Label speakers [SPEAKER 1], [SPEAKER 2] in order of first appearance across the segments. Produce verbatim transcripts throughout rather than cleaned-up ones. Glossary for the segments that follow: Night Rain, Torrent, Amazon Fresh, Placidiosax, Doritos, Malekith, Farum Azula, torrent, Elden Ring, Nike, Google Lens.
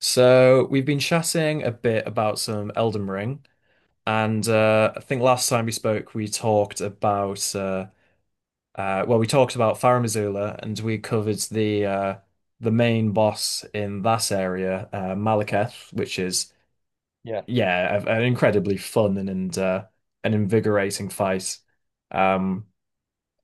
[SPEAKER 1] So we've been chatting a bit about some Elden Ring, and uh, I think last time we spoke, we talked about uh, uh, well, we talked about Farum Azula, and we covered the uh, the main boss in that area, uh, Malekith, which is
[SPEAKER 2] Yeah.
[SPEAKER 1] yeah, a, an incredibly fun and and uh, an invigorating fight. Um,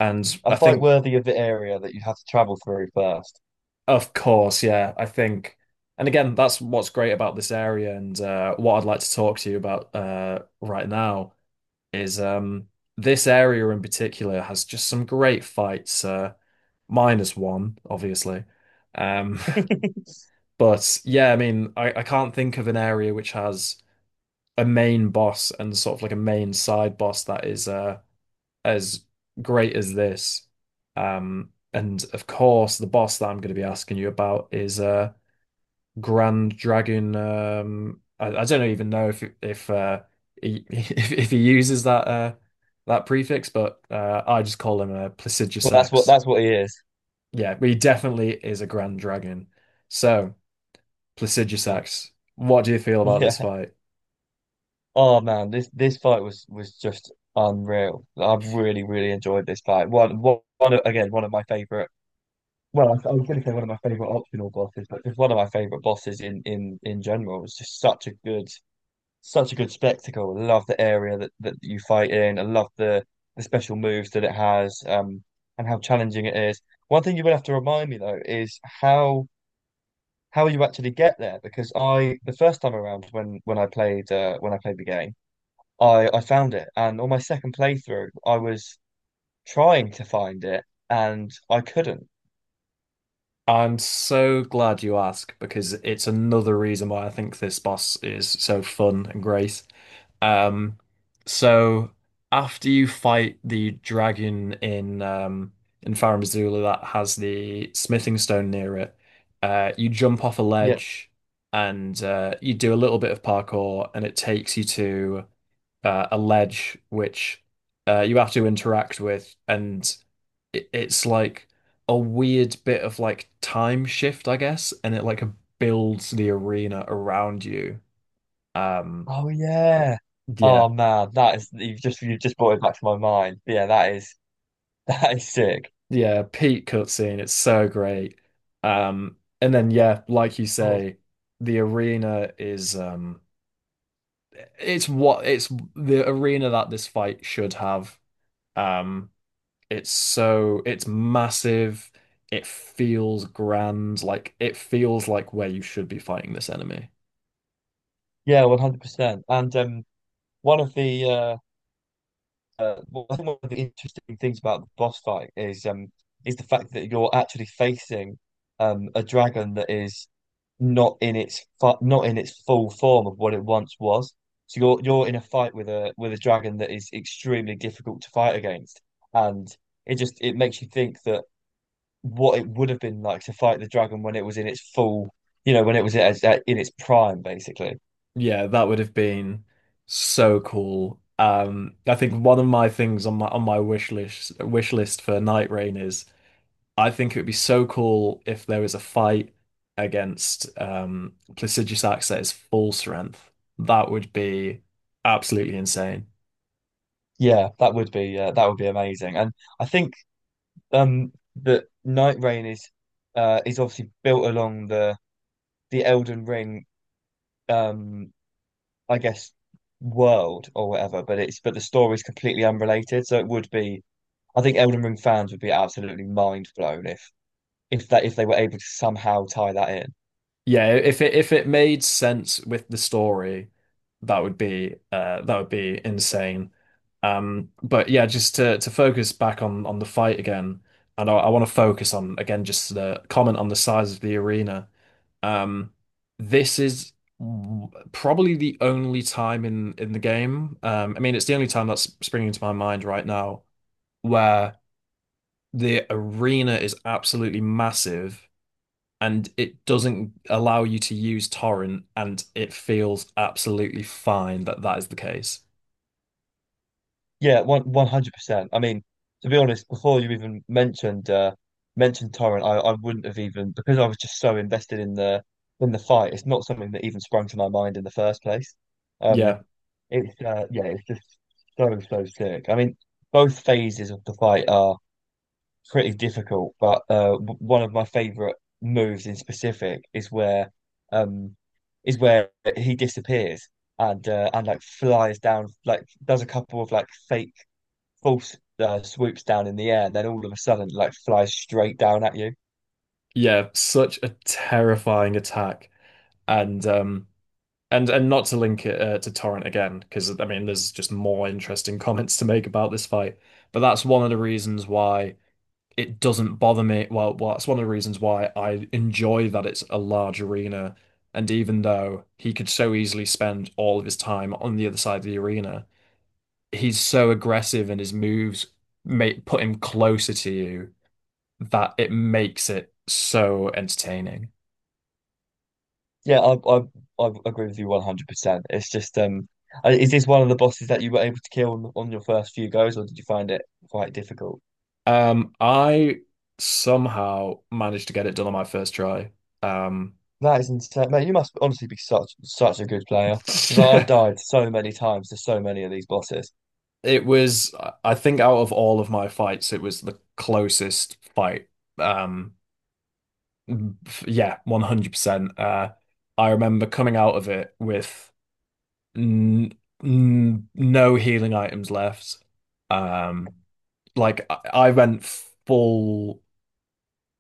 [SPEAKER 1] and I
[SPEAKER 2] A fight
[SPEAKER 1] think,
[SPEAKER 2] worthy of the area that you have to travel through first.
[SPEAKER 1] of course, yeah, I think. And again, that's what's great about this area and uh, what I'd like to talk to you about uh, right now is um this area in particular has just some great fights uh minus one obviously. um but yeah, I mean, I, I can't think of an area which has a main boss and sort of like a main side boss that is uh as great as this. Um and of course the boss that I'm going to be asking you about is uh Grand Dragon. Um, I, I don't even know if if uh, he if, if he uses that uh, that prefix, but uh, I just call him a
[SPEAKER 2] Well, that's what
[SPEAKER 1] Placidiosax.
[SPEAKER 2] that's what he is.
[SPEAKER 1] Yeah, but he definitely is a Grand Dragon. So Placidiosax, what do you feel about this
[SPEAKER 2] Yeah.
[SPEAKER 1] fight?
[SPEAKER 2] Oh man, this this fight was was just unreal. I really really enjoyed this fight. One one, one of- again one of my favorite. Well, I I was going to say one of my favorite optional bosses, but just one of my favorite bosses in in in general. It was just such a good such a good spectacle. I love the area that that you fight in. I love the the special moves that it has, um, and how challenging it is. One thing you will have to remind me though is how how you actually get there because I the first time around when when I played uh, when I played the game. I I found it, and on my second playthrough I was trying to find it and I couldn't
[SPEAKER 1] I'm so glad you asked because it's another reason why I think this boss is so fun and great. Um, so after you fight the dragon in um in Farum Azula that has the smithing stone near it, uh, you jump off a
[SPEAKER 2] yet.
[SPEAKER 1] ledge and uh, you do a little bit of parkour and it takes you to uh, a ledge which uh, you have to interact with, and it, it's like a weird bit of like time shift, I guess, and it like builds the arena around you. Um,
[SPEAKER 2] Oh yeah.
[SPEAKER 1] yeah,
[SPEAKER 2] Oh man, that is, you've just you've just brought it back to my mind. Yeah, that is, that is sick.
[SPEAKER 1] yeah, peak cutscene. It's so great. Um, and then yeah, like you
[SPEAKER 2] God.
[SPEAKER 1] say, the arena is um, it's what it's the arena that this fight should have. Um, It's so it's massive. It feels grand. Like it feels like where you should be fighting this enemy.
[SPEAKER 2] Yeah, one hundred percent and um one of the uh, uh well, I think one of the interesting things about the boss fight is um is the fact that you're actually facing um a dragon that is not in its fu- not in its full form of what it once was. So you're you're in a fight with a with a dragon that is extremely difficult to fight against, and it just it makes you think that what it would have been like to fight the dragon when it was in its full, you know, when it was at, at, in its prime, basically.
[SPEAKER 1] Yeah, that would have been so cool. Um, I think one of my things on my on my wish list wish list for Night Rain is I think it would be so cool if there was a fight against um Placiduous Axe at his full strength. That would be absolutely insane.
[SPEAKER 2] Yeah, that would be uh, that would be amazing, and I think um that Night Rain is uh is obviously built along the the Elden Ring, um I guess, world or whatever, but it's but the story's completely unrelated. So it would be, I think Elden Ring fans would be absolutely mind blown if if that if they were able to somehow tie that in.
[SPEAKER 1] Yeah, if it if it made sense with the story, that would be uh that would be insane. Um, but yeah, just to to focus back on on the fight again, and I, I want to focus on again just the comment on the size of the arena. Um, this is w- probably the only time in in the game. Um, I mean, it's the only time that's springing to my mind right now where the arena is absolutely massive and it doesn't allow you to use torrent, and it feels absolutely fine that that is the case.
[SPEAKER 2] Yeah, one one hundred percent. I mean, to be honest, before you even mentioned uh mentioned Torrent, I, I wouldn't have even, because I was just so invested in the in the fight. It's not something that even sprung to my mind in the first place.
[SPEAKER 1] Yeah,
[SPEAKER 2] Um, it's uh, yeah, it's just so so sick. I mean, both phases of the fight are pretty difficult, but uh, w- one of my favorite moves in specific is where um is where he disappears and uh, and like flies down, like does a couple of like fake false uh, swoops down in the air, then all of a sudden like flies straight down at you.
[SPEAKER 1] yeah, such a terrifying attack, and um, and and not to link it uh, to torrent again, because I mean, there's just more interesting comments to make about this fight, but that's one of the reasons why. It doesn't bother me. Well, well, that's one of the reasons why I enjoy that it's a large arena. And even though he could so easily spend all of his time on the other side of the arena, he's so aggressive and his moves make put him closer to you that it makes it so entertaining.
[SPEAKER 2] Yeah, I I, I agree with you one hundred percent. It's just um, uh, is this one of the bosses that you were able to kill on, on your first few goes, or did you find it quite difficult?
[SPEAKER 1] Um, I somehow managed to get it done on my first try. Um,
[SPEAKER 2] That is insane, mate. You must honestly be such such a good player because I've died so many times to so many of these bosses.
[SPEAKER 1] it was, I think, out of all of my fights, it was the closest fight. Um, f- yeah, one hundred percent. Uh, I remember coming out of it with n n no healing items left. Um, Like I, I went full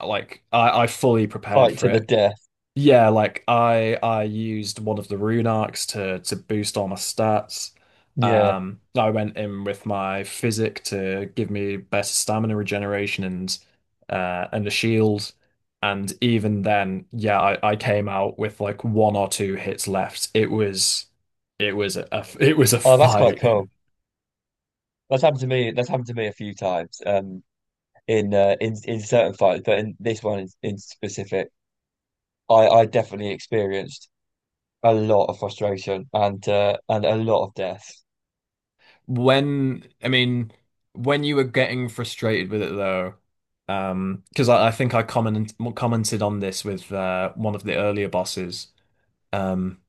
[SPEAKER 1] like I, I fully prepared
[SPEAKER 2] Fight
[SPEAKER 1] for
[SPEAKER 2] to the
[SPEAKER 1] it.
[SPEAKER 2] death.
[SPEAKER 1] Yeah, like I I used one of the rune arcs to to boost all my stats.
[SPEAKER 2] Yeah.
[SPEAKER 1] Um, I went in with my physic to give me better stamina regeneration and uh and a shield. And even then, yeah, I, I came out with like one or two hits left. It was it was a it was a
[SPEAKER 2] Oh, that's quite
[SPEAKER 1] fight.
[SPEAKER 2] cool. That's happened to me. That's happened to me a few times. Um, in uh, in in certain fights, but in this one in, in specific, I I definitely experienced a lot of frustration and uh and a lot of death.
[SPEAKER 1] When, I mean, when you were getting frustrated with it though, um, because I, I think I comment, commented on this with uh, one of the earlier bosses. Um,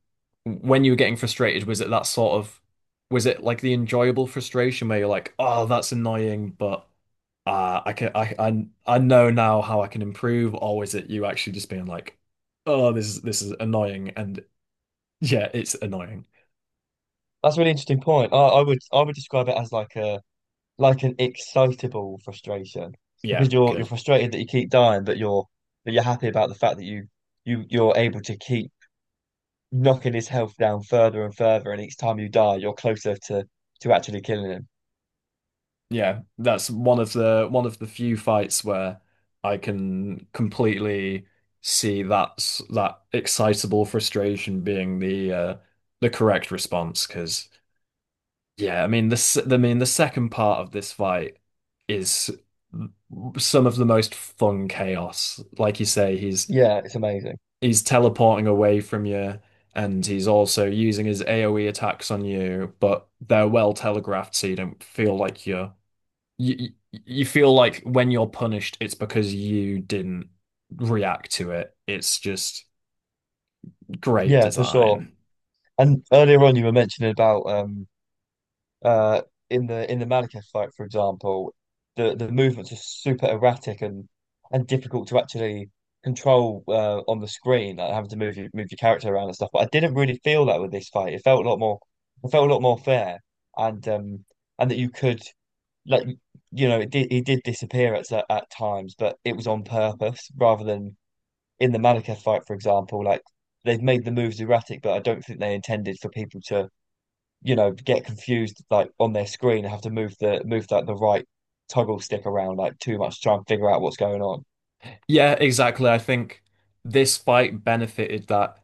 [SPEAKER 1] when you were getting frustrated, was it that sort of, was it like the enjoyable frustration where you're like, oh, that's annoying, but uh, I can, I, I, I know now how I can improve, or is it you actually just being like, oh, this is this is annoying, and yeah, it's annoying.
[SPEAKER 2] That's a really interesting point. I I would I would describe it as like a like an excitable frustration,
[SPEAKER 1] Yeah,
[SPEAKER 2] because you're you're
[SPEAKER 1] good.
[SPEAKER 2] frustrated that you keep dying, but you're but you're happy about the fact that you you you're able to keep knocking his health down further and further, and each time you die, you're closer to to actually killing him.
[SPEAKER 1] Yeah, that's one of the one of the few fights where I can completely see that's that excitable frustration being the uh, the correct response. Because yeah, I mean the s- I mean the second part of this fight is some of the most fun chaos. Like you say, he's
[SPEAKER 2] Yeah, it's amazing.
[SPEAKER 1] he's teleporting away from you, and he's also using his AoE attacks on you, but they're well telegraphed, so you don't feel like you're you you feel like when you're punished, it's because you didn't react to it. It's just great
[SPEAKER 2] Yeah, for sure.
[SPEAKER 1] design.
[SPEAKER 2] And earlier on, you were mentioning about um uh in the in the Malekith fight, for example, the the movements are super erratic and and difficult to actually control uh, on the screen, like having to move your move your character around and stuff. But I didn't really feel that with this fight. It felt a lot more it felt a lot more fair, and um and that you could, like, you know, it did, he did disappear at cer- at times, but it was on purpose rather than in the Malekith fight, for example, like they've made the moves erratic, but I don't think they intended for people to, you know, get confused like on their screen and have to move the move that the right toggle stick around like too much to try and figure out what's going on.
[SPEAKER 1] Yeah, exactly. I think this fight benefited that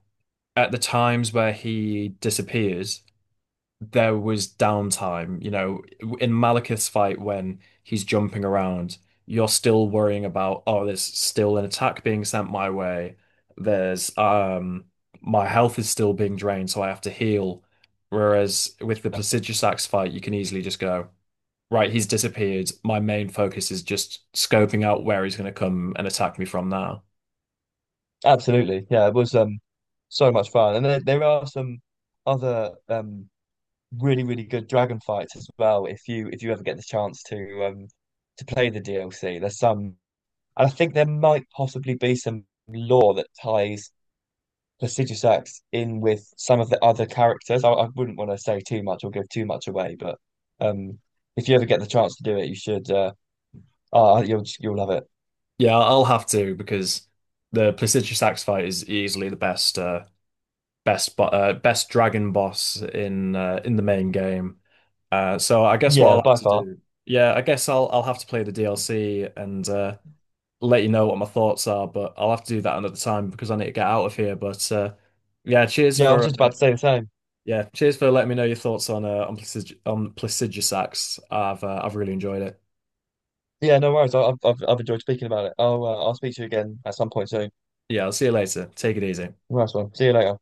[SPEAKER 1] at the times where he disappears, there was downtime. You know, in Malekith's fight when he's jumping around, you're still worrying about, oh, there's still an attack being sent my way. There's um my health is still being drained, so I have to heal. Whereas with the Placidus Axe fight, you can easily just go, right, he's disappeared. My main focus is just scoping out where he's going to come and attack me from now.
[SPEAKER 2] Absolutely. Yeah, it was um so much fun. And there, there are some other um really, really good dragon fights as well if you if you ever get the chance to um to play the D L C. There's some, and I think there might possibly be some lore that ties prestigious acts in with some of the other characters. I, I wouldn't want to say too much or give too much away, but um, if you ever get the chance to do it, you should. Uh, ah, you'll you'll love it.
[SPEAKER 1] Yeah, I'll have to because the Placidus Axe fight is easily the best uh, best bo uh, best dragon boss in uh, in the main game. Uh, so I guess what I'll
[SPEAKER 2] Yeah,
[SPEAKER 1] have
[SPEAKER 2] by
[SPEAKER 1] to
[SPEAKER 2] far.
[SPEAKER 1] do, yeah, I guess I'll I'll have to play the D L C and uh, let you know what my thoughts are. But I'll have to do that another time because I need to get out of here. But uh, yeah, cheers
[SPEAKER 2] Yeah, I was
[SPEAKER 1] for
[SPEAKER 2] just
[SPEAKER 1] uh,
[SPEAKER 2] about to say the same.
[SPEAKER 1] yeah, cheers for letting me know your thoughts on uh, on Plasig on Plagiarisax. I've uh, I've really enjoyed it.
[SPEAKER 2] Yeah, no worries. I, I've I've I've enjoyed speaking about it. I'll uh, I'll speak to you again at some point soon.
[SPEAKER 1] Yeah, I'll see you later. Take it easy.
[SPEAKER 2] Nice one. See you later.